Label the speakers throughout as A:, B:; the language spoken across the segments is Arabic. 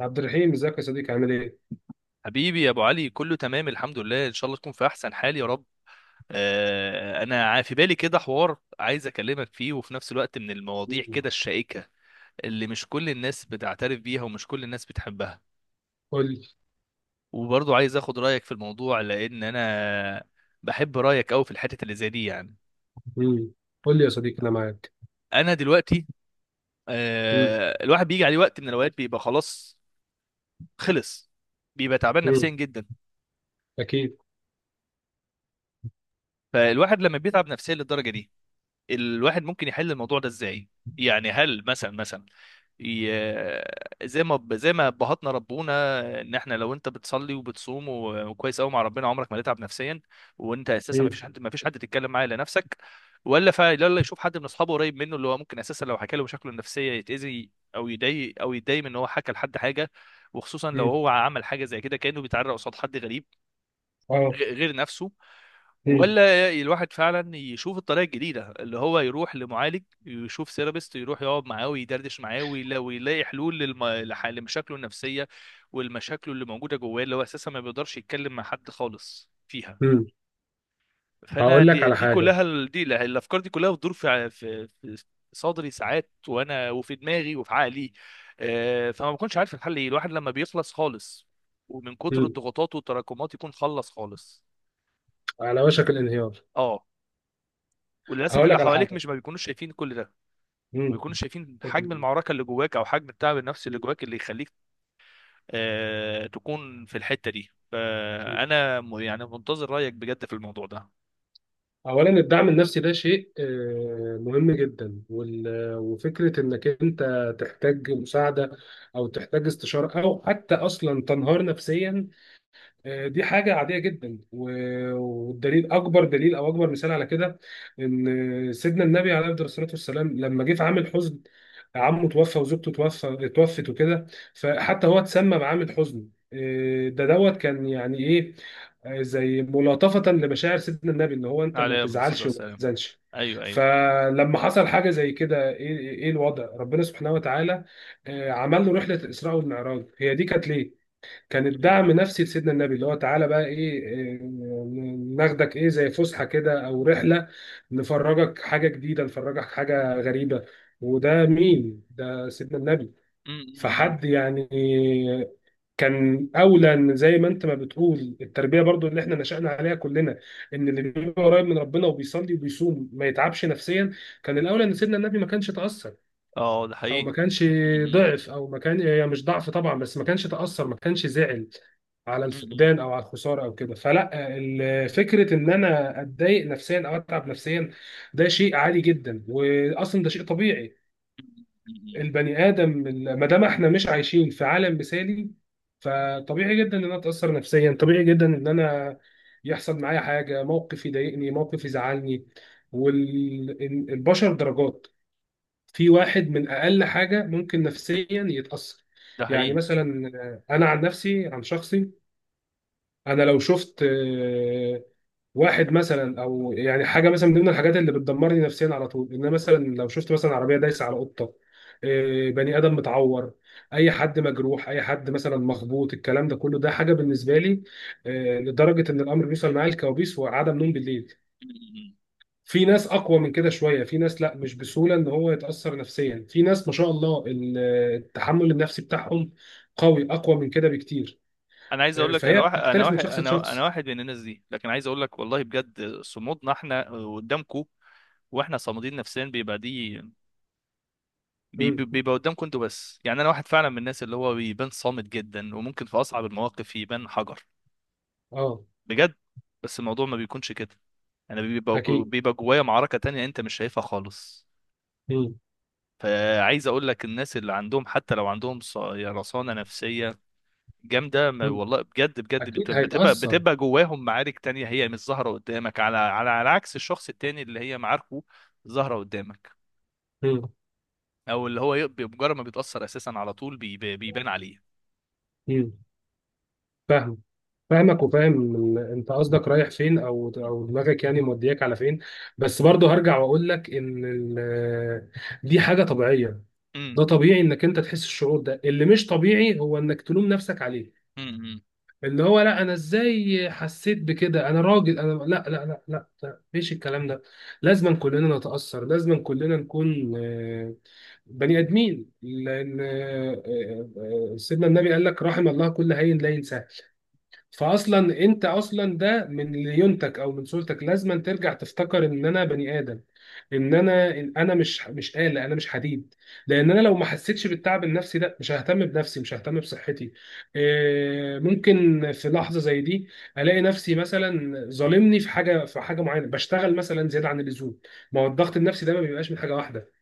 A: عبد الرحيم، ازيك يا صديقي؟ عامل ايه؟
B: حبيبي يا ابو علي، كله تمام، الحمد لله. ان شاء الله تكون في احسن حال يا رب. في بالي كده حوار عايز اكلمك فيه، وفي نفس الوقت من المواضيع
A: مم.
B: كده الشائكة اللي مش كل الناس بتعترف بيها ومش كل الناس بتحبها.
A: قول لي.
B: وبرضه عايز اخد رايك في الموضوع، لان انا بحب رايك قوي في الحتة اللي زي دي يعني.
A: مم. قول لي يا صديقي، انا معاك.
B: انا دلوقتي
A: مم.
B: الواحد بيجي عليه وقت من الاوقات بيبقى خلاص، خلص، بيبقى تعبان نفسيا
A: مم.
B: جدا.
A: اكيد.
B: فالواحد لما بيتعب نفسيا للدرجة دي، الواحد ممكن يحل الموضوع ده ازاي؟ يعني هل مثلا زي ما ابهاتنا ربونا، ان احنا لو انت بتصلي وبتصوم وكويس قوي مع ربنا عمرك ما تتعب نفسيا، وانت اساسا ما
A: مم.
B: فيش حد، تتكلم معاه الا نفسك، ولا يشوف حد من اصحابه قريب منه، اللي هو ممكن اساسا لو حكى له مشاكله النفسيه يتاذي او يضايق او يتضايق من ان هو حكى لحد حاجه، وخصوصا لو
A: مم.
B: هو عمل حاجه زي كده كانه بيتعرى قصاد حد غريب
A: اه.
B: غير نفسه.
A: مم.
B: ولا الواحد فعلا يشوف الطريقه الجديده اللي هو يروح لمعالج، يشوف سيرابيست، يروح يقعد معاه ويدردش معاه ويلاقي حلول لمشاكله النفسيه والمشاكل اللي موجوده جواه، اللي هو اساسا ما بيقدرش يتكلم مع حد خالص فيها.
A: مم.
B: فانا
A: هقول لك
B: دي,
A: على
B: دي
A: حاجه.
B: كلها ال- دي لا- الافكار دي كلها بتدور في في صدري ساعات، وانا وفي دماغي وفي عقلي. فما بكونش عارف الحل ايه. الواحد لما بيخلص خالص ومن كتر
A: مم.
B: الضغوطات والتراكمات يكون خلص خالص.
A: على وشك الانهيار.
B: اه. وللاسف
A: هقول
B: اللي
A: لك على
B: حواليك
A: حاجه.
B: مش ما بيكونوش شايفين كل ده،
A: مم.
B: ما بيكونوش شايفين حجم
A: مم.
B: المعركه اللي جواك او حجم التعب النفسي اللي جواك، اللي يخليك تكون في الحته دي.
A: مم.
B: فانا يعني منتظر رايك بجد في الموضوع ده.
A: اولا، الدعم النفسي ده شيء مهم جدا، وفكره انك انت تحتاج مساعده، او تحتاج استشاره، او حتى اصلا تنهار نفسيا، دي حاجة عادية جدا، والدليل أكبر دليل أو أكبر مثال على كده إن سيدنا النبي عليه أفضل الصلاة والسلام لما جه في عام الحزن، عمه توفى وزوجته توفت وكده، فحتى هو اتسمى بعام الحزن. إيه ده دوت؟ كان يعني إيه؟ زي ملاطفة لمشاعر سيدنا النبي، إن هو أنت ما
B: عليه افضل الصلاه
A: تزعلش وما
B: والسلام.
A: تحزنش.
B: ايوه، ايوه.
A: فلما حصل حاجة زي كده، إيه الوضع؟ ربنا سبحانه وتعالى عمل له رحلة الإسراء والمعراج. هي دي كانت ليه؟ كان
B: م-
A: الدعم نفسي لسيدنا النبي، اللي هو تعالى بقى ايه ناخدك ايه، زي فسحه كده او رحله، نفرجك حاجه جديده، نفرجك حاجه غريبه. وده مين؟ ده سيدنا النبي.
B: م.
A: فحد يعني كان اولى. إن زي ما انت ما بتقول، التربيه برضو اللي احنا نشأنا عليها كلنا، ان اللي بيبقى قريب من ربنا وبيصلي وبيصوم ما يتعبش نفسيا، كان الاولى ان سيدنا النبي ما كانش تأثر
B: اه، ده
A: او ما
B: حقيقي.
A: كانش
B: م- م-
A: ضعف، او ما كان هي مش ضعف طبعا، بس ما كانش تاثر، ما كانش زعل على
B: م-
A: الفقدان او على الخساره او كده. فلا، فكره ان انا اتضايق نفسيا او اتعب نفسيا، ده شيء عادي جدا، واصلا ده شيء طبيعي.
B: م- م.
A: البني ادم، ما دام احنا مش عايشين في عالم مثالي، فطبيعي جدا ان انا اتاثر نفسيا، طبيعي جدا ان انا يحصل معايا حاجه، موقف يضايقني، موقف يزعلني. والبشر درجات. في واحد من اقل حاجه ممكن نفسيا يتاثر.
B: ده
A: يعني
B: حقيقي.
A: مثلا انا عن نفسي، عن شخصي، انا لو شفت واحد مثلا، او يعني حاجه مثلا من ضمن الحاجات اللي بتدمرني نفسيا على طول، ان أنا مثلا لو شفت مثلا عربيه دايسه على قطه، بني ادم متعور، اي حد مجروح، اي حد مثلا مخبوط، الكلام ده كله ده حاجه بالنسبه لي لدرجه ان الامر بيوصل معايا الكوابيس وعدم نوم بالليل.
B: م.
A: في ناس اقوى من كده شويه. في ناس لا، مش بسهوله ان هو يتاثر نفسيا. في ناس ما شاء الله، التحمل النفسي بتاعهم قوي، اقوى من كده بكتير.
B: انا عايز اقول لك، انا
A: فهي
B: واحد انا
A: بتختلف من
B: واحد
A: شخص
B: انا انا
A: لشخص.
B: واحد من الناس دي، لكن عايز اقول لك والله بجد، صمودنا احنا قدامكم. واحنا صامدين نفسيا بيبقى دي،
A: مم.
B: بيبقى قدامكم انتوا بس، يعني انا واحد فعلا من الناس اللي هو بيبان صامت جدا، وممكن في اصعب المواقف يبان حجر،
A: اه.
B: بجد. بس الموضوع ما بيكونش كده. انا بيبقى
A: اكيد.
B: جوايا معركة تانية انت مش شايفها خالص.
A: مم.
B: فعايز اقول لك، الناس اللي عندهم حتى لو عندهم رصانة نفسية جامدة، ما
A: مم.
B: والله بجد بجد
A: اكيد هيتاثر.
B: بتبقى جواهم معارك تانية هي مش ظاهرة قدامك، على عكس الشخص التاني اللي هي معاركه ظاهرة قدامك،
A: مم.
B: او اللي هو بمجرد ما بيتأثر اساسا على طول بيبان عليه.
A: مم. فاهم. فاهمك، وفاهم انت قصدك رايح فين، او دماغك يعني مودياك على فين. بس برضه هرجع واقول لك ان دي حاجه طبيعيه. ده طبيعي انك انت تحس الشعور ده. اللي مش طبيعي هو انك تلوم نفسك عليه،
B: امم
A: اللي هو لا، انا ازاي حسيت بكده؟ انا راجل. انا لا لا لا لا, لا. مفيش الكلام ده. لازم كلنا نتأثر، لازم كلنا نكون بني ادمين. لان سيدنا النبي قال لك رحم الله كل هين لا ينساه. فاصلا انت اصلا، ده من ليونتك او من صورتك، لازما ترجع تفتكر ان انا بني ادم، ان انا مش آلة، انا مش حديد. لان انا لو ما حسيتش بالتعب النفسي ده، مش ههتم بنفسي، مش ههتم بصحتي. ممكن في لحظة زي دي الاقي نفسي مثلا ظالمني في حاجة معينة، بشتغل مثلا زيادة عن اللزوم. ما هو الضغط النفسي ده ما بيبقاش من حاجة واحدة.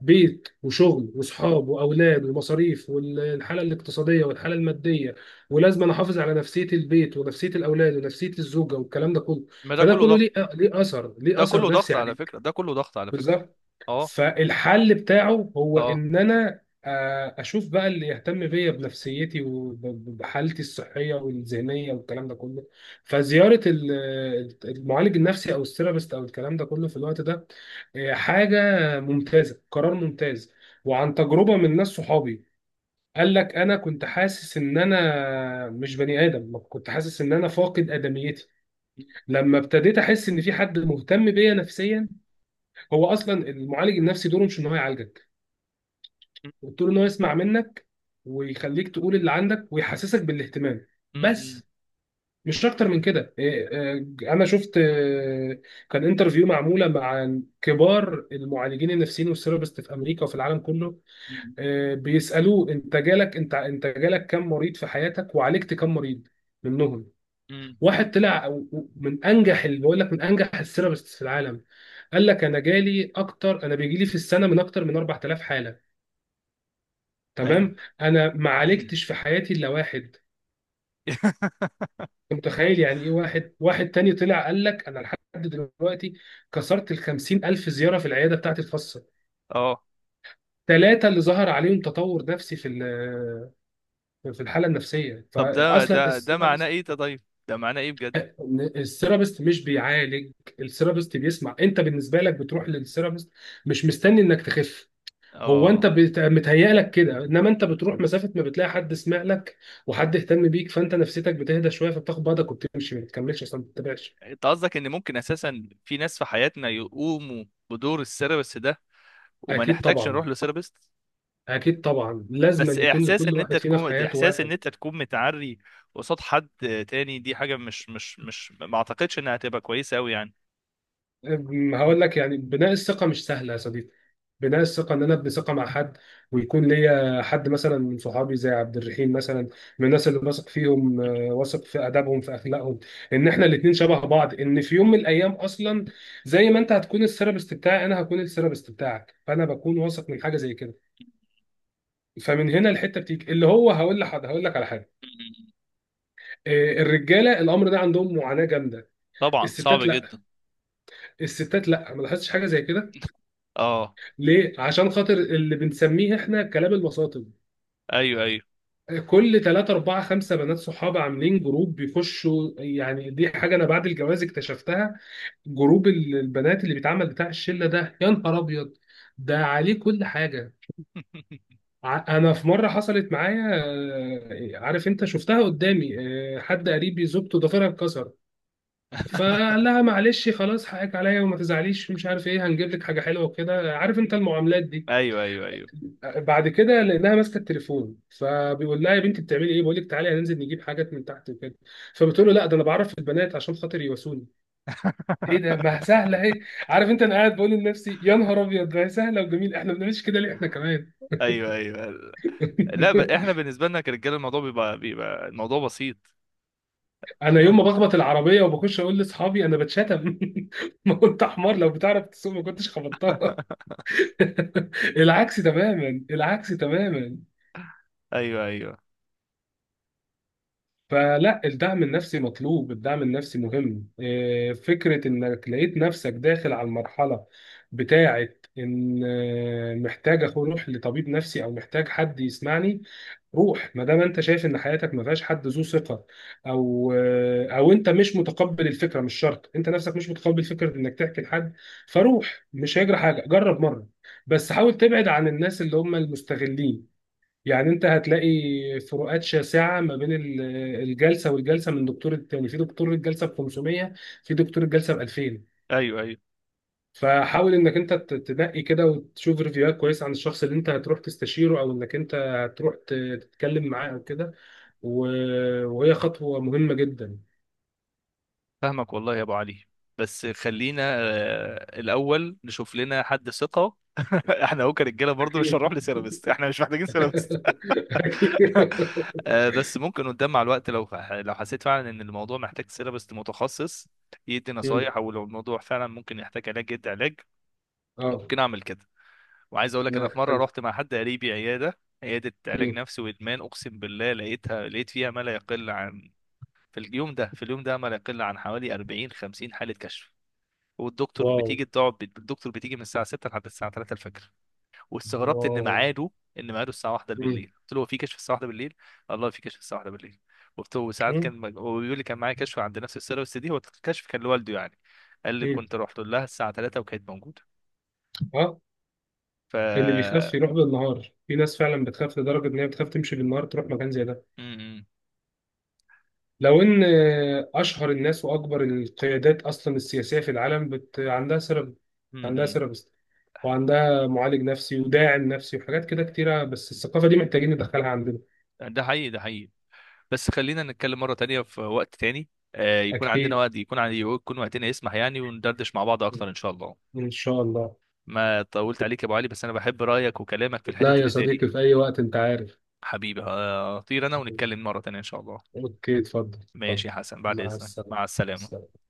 A: بيت وشغل وصحاب واولاد ومصاريف، والحاله الاقتصاديه والحاله الماديه، ولازم انا احافظ على نفسيه البيت ونفسيه الاولاد ونفسيه الزوجه والكلام ده كله.
B: ما ده
A: فده
B: كله
A: كله
B: ضغط،
A: ليه اثر، ليه
B: ده
A: اثر
B: كله
A: نفسي
B: ضغط على
A: عليك.
B: فكرة، ده كله ضغط على فكرة.
A: بالظبط.
B: اه
A: فالحل بتاعه هو
B: اه.
A: ان انا اشوف بقى اللي يهتم بيا، بنفسيتي وبحالتي الصحيه والذهنيه والكلام ده كله. فزياره المعالج النفسي او الثيرابيست او الكلام ده كله في الوقت ده حاجه ممتازه، قرار ممتاز. وعن تجربه من ناس صحابي، قال لك انا كنت حاسس ان انا مش بني ادم، كنت حاسس ان انا فاقد ادميتي، لما ابتديت احس ان في حد مهتم بيا نفسيا. هو اصلا المعالج النفسي دوره مش ان هو يعالجك، دوره ان هو يسمع منك ويخليك تقول اللي عندك ويحسسك بالاهتمام،
B: امم
A: بس. مش اكتر من كده. انا شفت كان انترفيو معموله مع كبار المعالجين النفسيين والثيرابيست في امريكا وفي العالم كله. بيسالوه انت جالك كم مريض في حياتك، وعالجت كم مريض منهم.
B: امم.
A: واحد طلع من انجح، اللي بقول لك، من انجح السيرابست في العالم، قال لك انا جالي اكتر انا بيجي لي في السنه من اكتر من 4000 حاله،
B: ايوه.
A: تمام؟ انا ما عالجتش في حياتي الا واحد. انت متخيل يعني ايه؟ واحد تاني طلع قال لك انا لحد دلوقتي كسرت ال 50000 زياره في العياده بتاعتي الخاصه،
B: اه.
A: ثلاثه اللي ظهر عليهم تطور نفسي في الحاله النفسيه
B: طب
A: فاصلا.
B: ده معناه ايه ده؟ طيب، ده معناه ايه بجد؟
A: إن الثيرابيست مش بيعالج، الثيرابيست بيسمع. انت بالنسبه لك بتروح للثيرابيست مش مستني انك تخف، هو انت
B: اه.
A: متهيأ لك كده، انما انت بتروح مسافه، ما بتلاقي حد سمع لك وحد اهتم بيك، فانت نفسيتك بتهدى شويه، فبتاخد بعضك وبتمشي، ما بتكملش اصلا، ما بتتابعش.
B: انت قصدك ان ممكن اساسا في ناس في حياتنا يقوموا بدور السيرابست ده، وما
A: اكيد
B: نحتاجش
A: طبعا.
B: نروح لسيرابست؟
A: اكيد طبعا، لازما
B: بس
A: يكون
B: احساس
A: لكل
B: ان انت
A: واحد فينا في
B: تكون،
A: حياته
B: احساس ان
A: واحد.
B: انت تكون متعري قصاد حد تاني، دي حاجة مش، ما اعتقدش انها هتبقى كويسة قوي يعني.
A: هقول لك، يعني بناء الثقة مش سهلة يا صديقي. بناء الثقة إن أنا أبني ثقة مع حد ويكون ليا حد مثلا من صحابي زي عبد الرحيم مثلا، من الناس اللي واثق فيهم واثق في آدابهم، في أخلاقهم، إن إحنا الاتنين شبه بعض، إن في يوم من الأيام أصلا، زي ما أنت هتكون الثيرابيست بتاعي، أنا هكون الثيرابيست بتاعك. فأنا بكون واثق من حاجة زي كده. فمن هنا الحتة بتيجي، اللي هو هقول لك على حاجة.
B: مم.
A: الرجالة الأمر ده عندهم معاناة جامدة.
B: طبعا
A: الستات
B: صعبة
A: لا.
B: جدا.
A: الستات لا، ما لاحظتش حاجة زي كده.
B: اه.
A: ليه؟ عشان خاطر اللي بنسميه احنا كلام الوساطي.
B: ايوه، ايوه.
A: كل 3 4 5 بنات صحاب عاملين جروب بيخشوا، يعني دي حاجه انا بعد الجواز اكتشفتها. جروب البنات اللي بيتعمل، بتاع الشله ده، يا نهار ابيض، ده عليه كل حاجه. انا في مره حصلت معايا، عارف انت، شفتها قدامي، حد قريبي زوجته ضفيرها اتكسر، فقال لها معلش، خلاص حقك عليا وما تزعليش، مش عارف ايه، هنجيب لك حاجه حلوه وكده، عارف انت المعاملات دي.
B: ايوه، ايوه، ايوه.
A: بعد كده لانها ماسكه التليفون، فبيقول لها يا بنتي بتعملي ايه، بقول لك تعالي هننزل نجيب حاجات من تحت وكده، فبتقول له لا، ده انا بعرف البنات عشان خاطر يواسوني. ايه ده، ما سهله اهي! عارف انت، انا قاعد بقول لنفسي يا نهار ابيض، ما هي سهله وجميل، احنا ما بنعملش كده ليه؟ احنا كمان.
B: ايوه، ايوه. لا، احنا بالنسبة لنا كرجاله الموضوع بيبقى، الموضوع بسيط.
A: انا يوم ما بخبط العربيه وبخش اقول لاصحابي انا بتشتم. ما كنت حمار، لو بتعرف تسوق ما كنتش خبطتها. العكس تماما، العكس تماما.
B: ايوه، ايوه،
A: فلا، الدعم النفسي مطلوب، الدعم النفسي مهم. فكرة انك لقيت نفسك داخل على المرحلة بتاعة ان محتاج اروح لطبيب نفسي، او محتاج حد يسمعني، روح. ما دام انت شايف ان حياتك ما فيهاش حد ذو ثقة، او انت مش متقبل الفكرة، مش شرط، انت نفسك مش متقبل فكرة انك تحكي لحد، فروح. مش هيجرى حاجة، جرب مرة. بس حاول تبعد عن الناس اللي هم المستغلين. يعني انت هتلاقي فروقات شاسعه ما بين الجلسه والجلسه، من دكتور التاني، في دكتور الجلسه ب 500، في دكتور الجلسه ب 2000.
B: ايوه، ايوه.
A: فحاول انك انت تنقي كده، وتشوف ريفيوهات كويسه عن الشخص اللي انت هتروح تستشيره، او انك انت هتروح تتكلم معاه او كده. وهي خطوه مهمه جدا.
B: فاهمك والله يا ابو علي. بس خلينا الاول نشوف لنا حد ثقة. احنا هو كرجاله برضه مش
A: اكيد.
B: هنروح لسيرابيست، احنا مش محتاجين سيرابيست.
A: اكيد.
B: بس ممكن قدام مع الوقت، لو حسيت فعلا ان الموضوع محتاج سيرابست متخصص يدي
A: مم.
B: نصايح، او لو الموضوع فعلا ممكن يحتاج علاج يدي علاج.
A: اه.
B: ممكن اعمل كده. وعايز اقول لك، انا
A: لا،
B: في مره
A: حلو.
B: رحت مع حد قريبي عياده، علاج
A: مم.
B: نفسي وادمان، اقسم بالله لقيتها، لقيت فيها ما لا يقل عن، في اليوم ده، ما لا يقل عن حوالي 40 50 حاله كشف. والدكتور
A: واو.
B: بتيجي تقعد، الدكتور بتيجي من الساعه 6 لحد الساعه 3 الفجر. واستغربت ان
A: واو.
B: ميعاده، الساعه 1
A: مم.
B: بالليل. قلت له: هو في كشف الساعه 1 بالليل؟ الله، في كشف الساعه 1 بالليل! قلت له. وساعات
A: مم.
B: كان هو بيقول لي كان معايا كشف عند نفس السيره، بس دي هو الكشف كان لوالده يعني. قال لي:
A: مم.
B: كنت رحت لها الساعه 3 وكانت موجوده.
A: اه.
B: ف
A: اللي بيخاف يروح بالنهار، في ناس فعلا بتخاف لدرجة إن هي بتخاف تمشي بالنهار تروح مكان زي ده.
B: م-
A: لو إن أشهر الناس وأكبر القيادات أصلا السياسية في العالم عندها عندها
B: م-
A: سيرابيست، وعندها معالج نفسي وداعم نفسي وحاجات كده كتيرة. بس الثقافة دي محتاجين ندخلها عندنا.
B: م. ده حقيقي، ده حقيقي. بس خلينا نتكلم مره تانية في وقت تاني، يكون عندنا
A: أكيد.
B: وقت، يكون عندي، يكون وقتنا يسمح يعني، وندردش مع بعض اكتر ان شاء الله.
A: إن شاء الله.
B: ما طولت عليك يا ابو علي، بس انا بحب رايك وكلامك في
A: لا
B: الحتت
A: يا
B: اللي زي دي.
A: صديقي، في أي وقت، أنت عارف.
B: حبيبي، هطير انا، ونتكلم مره تانية ان شاء الله.
A: أوكي، اتفضل.
B: ماشي
A: اتفضل.
B: يا حسن، بعد
A: مع
B: إذنك،
A: السلامة.
B: مع السلامة.
A: سلام.